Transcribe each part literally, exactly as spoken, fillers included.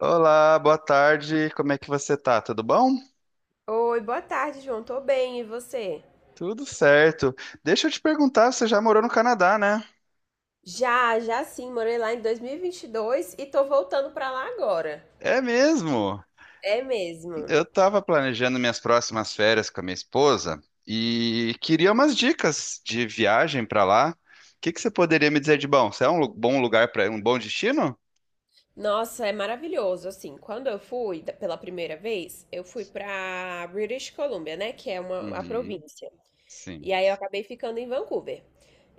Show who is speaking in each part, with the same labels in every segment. Speaker 1: Olá, boa tarde. Como é que você tá? Tudo bom?
Speaker 2: Oi, boa tarde, João. Tô bem, e você?
Speaker 1: Tudo certo. Deixa eu te perguntar, você já morou no Canadá, né?
Speaker 2: Já, já sim, morei lá em dois mil e vinte e dois e vinte e dois e tô voltando pra lá agora.
Speaker 1: É mesmo.
Speaker 2: É mesmo.
Speaker 1: Eu tava planejando minhas próximas férias com a minha esposa e queria umas dicas de viagem pra lá. O que que você poderia me dizer de bom? Você é um lu- bom lugar para um bom destino?
Speaker 2: Nossa, é maravilhoso. Assim, quando eu fui da- pela primeira vez, eu fui pra British Columbia, né, que é uma a
Speaker 1: Uhum,
Speaker 2: província.
Speaker 1: sim.
Speaker 2: E aí eu acabei ficando em Vancouver.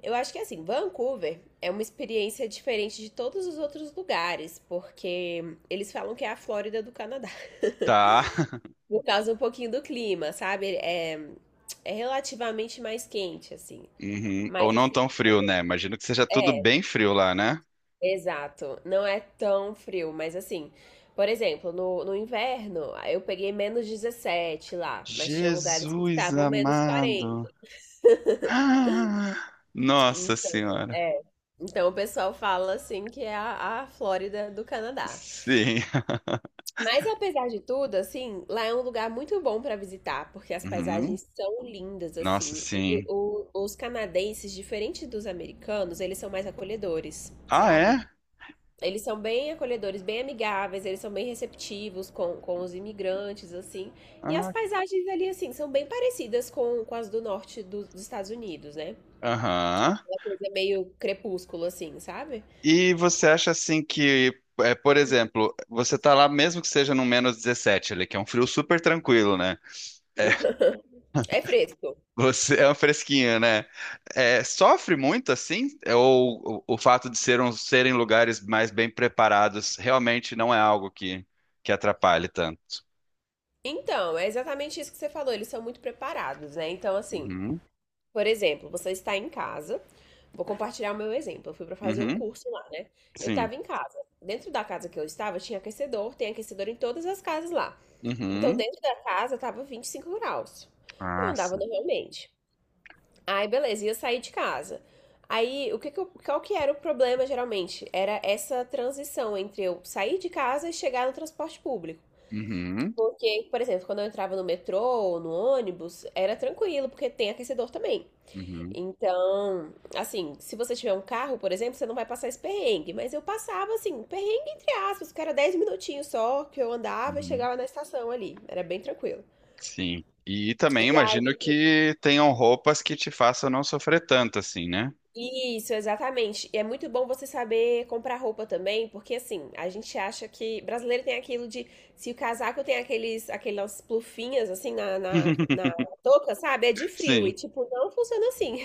Speaker 2: Eu acho que assim, Vancouver é uma experiência diferente de todos os outros lugares, porque eles falam que é a Flórida do Canadá.
Speaker 1: Tá.
Speaker 2: Por causa um pouquinho do clima, sabe? É, é relativamente mais quente, assim.
Speaker 1: Uhum. Ou
Speaker 2: Mas
Speaker 1: não
Speaker 2: assim,
Speaker 1: tão frio, né? Imagino que seja tudo
Speaker 2: é,
Speaker 1: bem frio lá, né?
Speaker 2: exato. Não é tão frio, mas assim, por exemplo, no, no inverno, eu peguei menos dezessete lá, mas tinham lugares que
Speaker 1: Jesus
Speaker 2: estavam menos quarenta.
Speaker 1: amado. Ah, Nossa
Speaker 2: Então,
Speaker 1: senhora.
Speaker 2: é. Então o pessoal fala assim que é a, a Flórida do Canadá.
Speaker 1: Sim.
Speaker 2: Mas apesar de tudo, assim, lá é um lugar muito bom para visitar, porque as
Speaker 1: Uhum.
Speaker 2: paisagens são lindas,
Speaker 1: Nossa,
Speaker 2: assim. E
Speaker 1: sim.
Speaker 2: o- os canadenses, diferente dos americanos, eles são mais acolhedores,
Speaker 1: Ah, é?
Speaker 2: sabe? Eles são bem acolhedores, bem amigáveis, eles são bem receptivos com, com os imigrantes, assim. E as
Speaker 1: Ah,
Speaker 2: paisagens ali, assim, são bem parecidas com, com as do norte do- dos Estados Unidos, né?
Speaker 1: aham.
Speaker 2: É uma coisa meio crepúsculo, assim, sabe?
Speaker 1: E você acha assim que, é, por exemplo, você tá lá mesmo que seja no menos dezessete, ali, que é um frio super tranquilo, né? É,
Speaker 2: É fresco.
Speaker 1: você é um fresquinho, né? É, sofre muito assim? É, Ou o, o fato de ser um- serem lugares mais bem preparados realmente não é algo que, que atrapalhe tanto?
Speaker 2: Então, é exatamente isso que você falou, eles são muito preparados, né? Então, assim.
Speaker 1: Uhum.
Speaker 2: Por exemplo, você está em casa. Vou compartilhar o meu exemplo. Eu fui para fazer um
Speaker 1: Uhum.
Speaker 2: curso lá, né? Eu
Speaker 1: Sim.
Speaker 2: estava em casa. Dentro da casa que eu estava, tinha aquecedor, tem aquecedor em todas as casas lá. Então,
Speaker 1: Uhum.
Speaker 2: dentro da casa, estava vinte e cinco graus. Eu
Speaker 1: Ah,
Speaker 2: andava
Speaker 1: sim.
Speaker 2: normalmente. Aí, beleza, ia sair de casa. Aí, o que que eu- qual que era o problema, geralmente? Era essa transição entre eu sair de casa e chegar no transporte público.
Speaker 1: Uhum,
Speaker 2: Porque, por exemplo, quando eu entrava no metrô ou no ônibus, era tranquilo, porque tem aquecedor também.
Speaker 1: uhum,
Speaker 2: Então, assim, se você tiver um carro, por exemplo, você não vai passar esse perrengue. Mas eu passava, assim, perrengue entre aspas, que era dez minutinhos só que eu andava e
Speaker 1: uhum.
Speaker 2: chegava na estação ali. Era bem tranquilo.
Speaker 1: Sim. E também
Speaker 2: E aí,
Speaker 1: imagino que tenham roupas que te façam não sofrer tanto assim, né?
Speaker 2: isso, exatamente. E é muito bom você saber comprar roupa também, porque assim, a gente acha que brasileiro tem aquilo de se o casaco tem aqueles, aquelas plufinhas assim na, na, na touca, sabe? É de frio. E
Speaker 1: Sim,
Speaker 2: tipo, não funciona assim.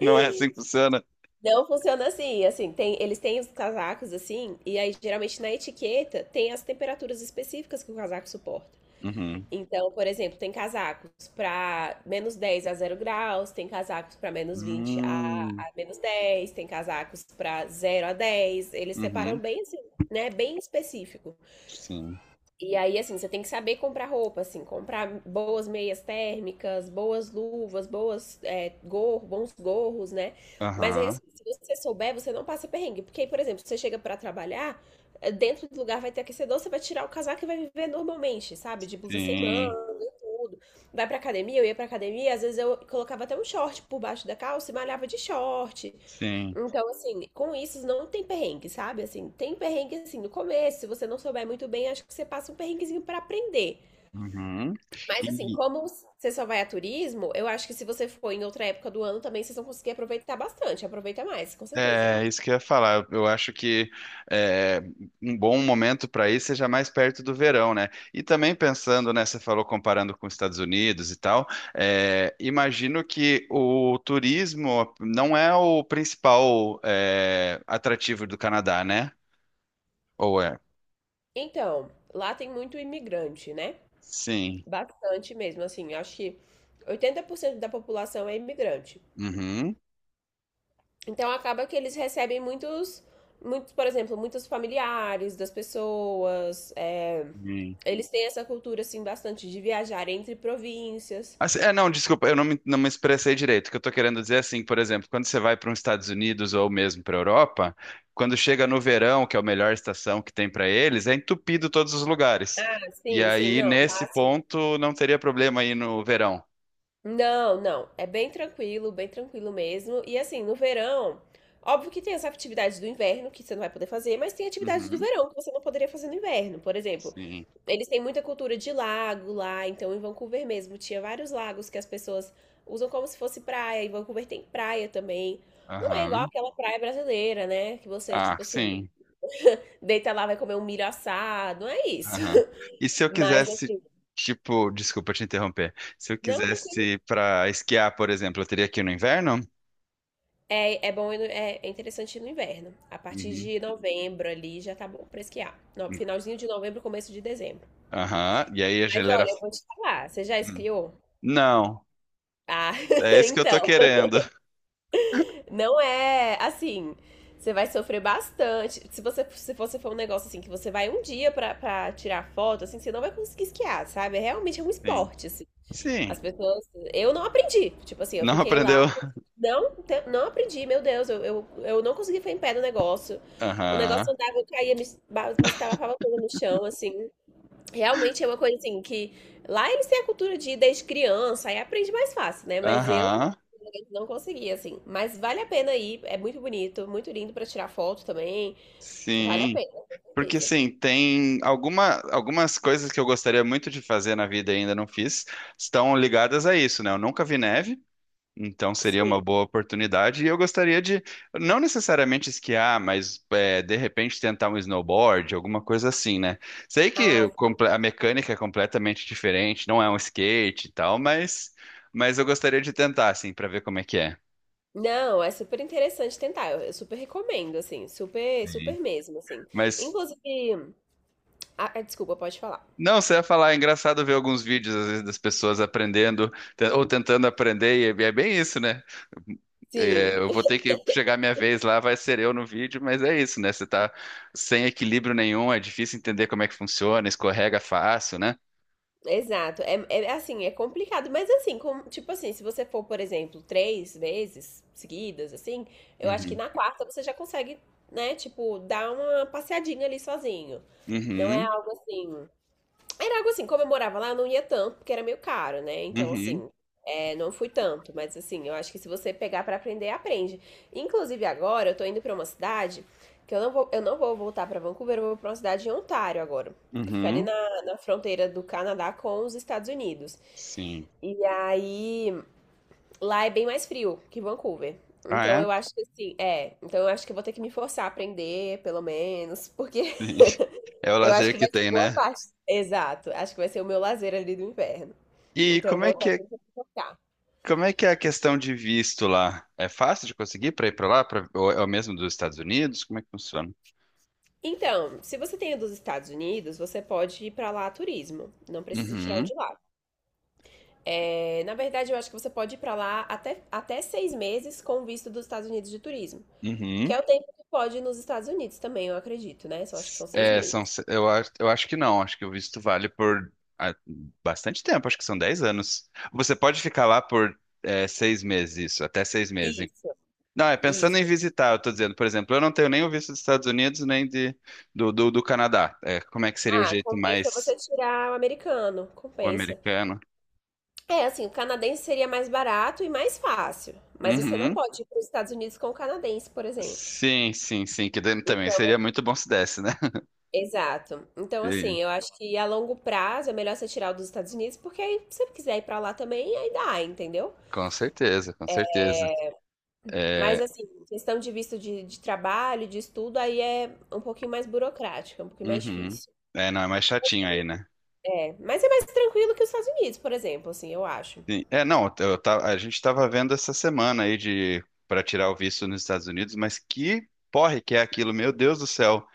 Speaker 1: não é assim que funciona.
Speaker 2: Não funciona assim, assim, tem, eles têm os casacos assim, e aí geralmente na etiqueta tem as temperaturas específicas que o casaco suporta.
Speaker 1: Uhum.
Speaker 2: Então, por exemplo, tem casacos para menos dez a zero graus, tem casacos para menos vinte a,
Speaker 1: Hum,
Speaker 2: a menos dez, tem casacos para zero a dez. Eles separam
Speaker 1: uhum,
Speaker 2: bem assim, né, bem específico.
Speaker 1: sim.
Speaker 2: E aí, assim, você tem que saber comprar roupa, assim, comprar boas meias térmicas, boas luvas, boas, é, gorro, bons gorros, né? Mas aí,
Speaker 1: Aham,
Speaker 2: assim, se você souber, você não passa perrengue. Porque, aí, por exemplo, você chega pra trabalhar, eh, dentro do lugar vai ter aquecedor, você vai tirar o casaco e vai viver normalmente, sabe? De blusa sem
Speaker 1: sim,
Speaker 2: manga e tudo. Vai pra academia, eu ia pra academia, às vezes eu colocava até um short por baixo da calça e malhava de short.
Speaker 1: sim.
Speaker 2: Então, assim, com isso não tem perrengue, sabe? Assim, tem perrengue assim no começo, se você não souber muito bem, acho que você passa um perrenguezinho pra aprender.
Speaker 1: Uhum.
Speaker 2: Mas assim,
Speaker 1: E,
Speaker 2: como você só vai a turismo, eu acho que se você for em outra época do ano também, vocês vão conseguir aproveitar bastante, aproveita mais, com certeza.
Speaker 1: é isso que eu ia falar. Eu, eu acho que é, um bom momento para ir seja mais perto do verão, né? E também pensando, né? Você falou comparando com os Estados Unidos e tal. é, imagino que o turismo não é o principal é, atrativo do Canadá, né? Ou é?
Speaker 2: Então, lá tem muito imigrante, né?
Speaker 1: Sim.
Speaker 2: Bastante mesmo, assim, eu acho que oitenta por cento da população é imigrante.
Speaker 1: Uhum.
Speaker 2: Então acaba que eles recebem muitos, muitos, por exemplo, muitos familiares das pessoas. É, eles têm essa cultura assim bastante de viajar entre províncias.
Speaker 1: Assim, é, não, desculpa, eu não me, não me expressei direito. O que eu tô querendo dizer é assim, por exemplo, quando você vai para os Estados Unidos ou mesmo para a Europa, quando chega no verão, que é a melhor estação que tem para eles, é entupido todos os lugares.
Speaker 2: Ah,
Speaker 1: E
Speaker 2: sim, sim,
Speaker 1: aí,
Speaker 2: não. Lá,
Speaker 1: nesse
Speaker 2: assim.
Speaker 1: ponto, não teria problema aí no verão.
Speaker 2: Não, não. É bem tranquilo, bem tranquilo mesmo. E assim, no verão, óbvio que tem as atividades do inverno que você não vai poder fazer, mas tem atividades do
Speaker 1: Uhum,
Speaker 2: verão que você não poderia fazer no inverno. Por exemplo,
Speaker 1: sim.
Speaker 2: eles têm muita cultura de lago lá, então em Vancouver mesmo tinha vários lagos que as pessoas usam como se fosse praia. Em Vancouver tem praia também. Não é igual
Speaker 1: Aham.
Speaker 2: aquela praia brasileira, né? Que você,
Speaker 1: Ah,
Speaker 2: tipo assim,
Speaker 1: sim.
Speaker 2: deita lá, vai comer um milho assado. Não é isso.
Speaker 1: Aham. E se eu
Speaker 2: Mas
Speaker 1: quisesse,
Speaker 2: assim,
Speaker 1: tipo, desculpa te interromper. Se eu
Speaker 2: não, tranquilo.
Speaker 1: quisesse para esquiar, por exemplo, eu teria que ir no inverno?
Speaker 2: É, é bom, ir no- é, é interessante ir no inverno. A partir
Speaker 1: Uhum.
Speaker 2: de novembro ali já tá bom pra esquiar. No, finalzinho de novembro, começo de dezembro.
Speaker 1: Aham. E aí a
Speaker 2: Mas
Speaker 1: geleira.
Speaker 2: olha, eu vou te falar, você já
Speaker 1: Hum.
Speaker 2: esquiou?
Speaker 1: Não,
Speaker 2: Ah,
Speaker 1: é isso que eu tô
Speaker 2: então,
Speaker 1: querendo.
Speaker 2: não é assim. Você vai sofrer bastante. Se você se você for um negócio assim que você vai um dia pra, pra, tirar foto, assim, você não vai conseguir esquiar, sabe? É, realmente é um
Speaker 1: Sim.
Speaker 2: esporte, assim.
Speaker 1: Sim.
Speaker 2: As pessoas, eu não aprendi. Tipo assim, eu
Speaker 1: Não
Speaker 2: fiquei lá.
Speaker 1: aprendeu?
Speaker 2: Não, te- não aprendi, meu Deus, eu, eu, eu não consegui ficar em pé no negócio. O negócio
Speaker 1: Aham.
Speaker 2: andava, eu caía, me, ba- me estava toda no chão, assim. Realmente é uma coisa assim que lá eles têm a cultura de ir desde criança, aí aprende mais fácil, né? Mas eu
Speaker 1: Aham.
Speaker 2: não consegui, assim. Mas vale a pena ir, é muito bonito, muito lindo pra tirar foto também. Vale a
Speaker 1: Sim.
Speaker 2: pena, com
Speaker 1: Porque
Speaker 2: certeza.
Speaker 1: assim, tem alguma, algumas coisas que eu gostaria muito de fazer na vida e ainda não fiz, estão ligadas a isso, né? Eu nunca vi neve. Então seria uma
Speaker 2: Sim.
Speaker 1: boa oportunidade e eu gostaria de, não necessariamente esquiar, mas é, de repente tentar um snowboard, alguma coisa assim, né? Sei que
Speaker 2: Ah,
Speaker 1: o comple- a mecânica é completamente diferente, não é um skate e tal, mas, mas eu gostaria de tentar, assim, para ver como é que é.
Speaker 2: não, é super interessante tentar. Eu, eu super recomendo, assim, super,
Speaker 1: Sim.
Speaker 2: super mesmo, assim.
Speaker 1: Mas
Speaker 2: Inclusive, ah, desculpa, pode falar.
Speaker 1: não, você ia falar, é engraçado ver alguns vídeos às vezes das pessoas aprendendo te- ou tentando aprender e é é bem isso, né? É,
Speaker 2: Sim,
Speaker 1: eu vou ter que chegar minha vez lá, vai ser eu no vídeo, mas é isso, né? Você tá sem equilíbrio nenhum, é difícil entender como é que funciona, escorrega fácil, né?
Speaker 2: exato. É, é assim, é complicado, mas assim, com- tipo assim, se você for, por exemplo, três vezes seguidas, assim, eu acho que
Speaker 1: Uhum.
Speaker 2: na quarta você já consegue, né, tipo, dar uma passeadinha ali sozinho. Não é
Speaker 1: Uhum.
Speaker 2: algo assim. Era algo assim, como eu morava lá, eu não ia tanto, porque era meio caro, né? Então,
Speaker 1: Uhum.
Speaker 2: assim, é, não fui tanto, mas assim, eu acho que se você pegar pra aprender, aprende. Inclusive agora, eu tô indo pra uma cidade que eu não vou, eu não vou voltar pra Vancouver, eu vou pra uma cidade em Ontário agora. Que fica ali
Speaker 1: Uhum.
Speaker 2: na, na fronteira do Canadá com os Estados Unidos.
Speaker 1: Sim.
Speaker 2: E aí, lá é bem mais frio que Vancouver.
Speaker 1: Ah,
Speaker 2: Então
Speaker 1: é?
Speaker 2: eu acho que assim, é, então eu acho que eu vou ter que me forçar a aprender, pelo menos, porque
Speaker 1: É o
Speaker 2: eu acho
Speaker 1: lazer
Speaker 2: que
Speaker 1: que
Speaker 2: vai ser
Speaker 1: tem,
Speaker 2: boa
Speaker 1: né?
Speaker 2: parte. Exato. Acho que vai ser o meu lazer ali do inverno.
Speaker 1: E
Speaker 2: Então, eu
Speaker 1: como é
Speaker 2: vou
Speaker 1: que
Speaker 2: estar
Speaker 1: é,
Speaker 2: tentando focar.
Speaker 1: como é que é a questão de visto lá? É fácil de conseguir para ir para lá, pra, ou é o mesmo dos Estados Unidos? Como é que funciona?
Speaker 2: Então, se você tem dos Estados Unidos, você pode ir pra lá a turismo. Não precisa tirar o
Speaker 1: Uhum.
Speaker 2: de lá. É, na verdade, eu acho que você pode ir pra lá até, até seis meses com o visto dos Estados Unidos de turismo. Que
Speaker 1: Uhum.
Speaker 2: é o tempo que pode ir nos Estados Unidos também, eu acredito, né? Só acho que são seis
Speaker 1: É, são,
Speaker 2: meses.
Speaker 1: se- eu, a- eu acho que não, acho que o visto vale por ah, bastante tempo, acho que são dez anos. Você pode ficar lá por é, seis meses, isso, até seis meses.
Speaker 2: Isso,
Speaker 1: Não, é pensando em
Speaker 2: isso.
Speaker 1: visitar, eu tô dizendo, por exemplo, eu não tenho nem o visto dos Estados Unidos, nem de, do, do, do Canadá. É, como é que seria o
Speaker 2: Ah,
Speaker 1: jeito
Speaker 2: compensa
Speaker 1: mais
Speaker 2: você tirar o americano.
Speaker 1: o
Speaker 2: Compensa.
Speaker 1: americano?
Speaker 2: É, assim, o canadense seria mais barato e mais fácil, mas você não
Speaker 1: Uhum.
Speaker 2: pode ir para os Estados Unidos com o canadense, por exemplo.
Speaker 1: Sim, sim, sim, que daí também
Speaker 2: Então,
Speaker 1: seria muito bom se desse, né?
Speaker 2: exato. Então,
Speaker 1: E-
Speaker 2: assim, eu acho que a longo prazo é melhor você tirar o dos Estados Unidos, porque aí, se você quiser ir para lá também, aí dá, entendeu?
Speaker 1: com certeza, com certeza.
Speaker 2: Mas,
Speaker 1: É,
Speaker 2: assim, questão de visto de, de, trabalho, de estudo, aí é um pouquinho mais burocrática, um pouquinho mais
Speaker 1: uhum.
Speaker 2: difícil.
Speaker 1: É, não, é mais chatinho aí, né?
Speaker 2: É, mas é mais tranquilo que os Estados Unidos, por exemplo, assim, eu acho.
Speaker 1: Sim. É, não, eu ta- a gente estava vendo essa semana aí de para tirar o visto nos Estados Unidos, mas que porre que é aquilo, meu Deus do céu.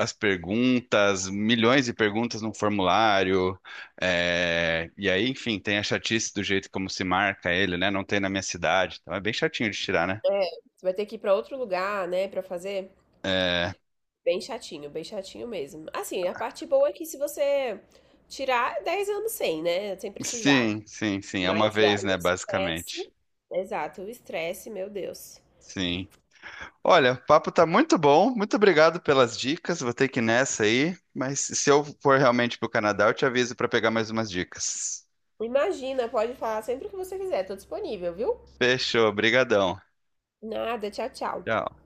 Speaker 1: As perguntas, milhões de perguntas no formulário, é, e aí, enfim, tem a chatice do jeito como se marca ele, né? Não tem na minha cidade, então é bem chatinho de tirar, né?
Speaker 2: Você vai ter que ir para outro lugar, né, para fazer.
Speaker 1: É,
Speaker 2: Bem chatinho, bem chatinho mesmo. Assim, a parte boa é que se você tirar dez anos sem, né? Sem precisar.
Speaker 1: sim, sim, sim, é uma
Speaker 2: Mas ah,
Speaker 1: vez,
Speaker 2: o
Speaker 1: né, basicamente.
Speaker 2: estresse. Exato, o estresse, meu Deus.
Speaker 1: Sim. Olha, o papo tá muito bom. Muito obrigado pelas dicas. Vou ter que ir nessa aí, mas se eu for realmente pro Canadá, eu te aviso para pegar mais umas dicas.
Speaker 2: Imagina, pode falar sempre o que você quiser, tô disponível, viu?
Speaker 1: Fechou, brigadão.
Speaker 2: Nada, tchau, tchau.
Speaker 1: Tchau.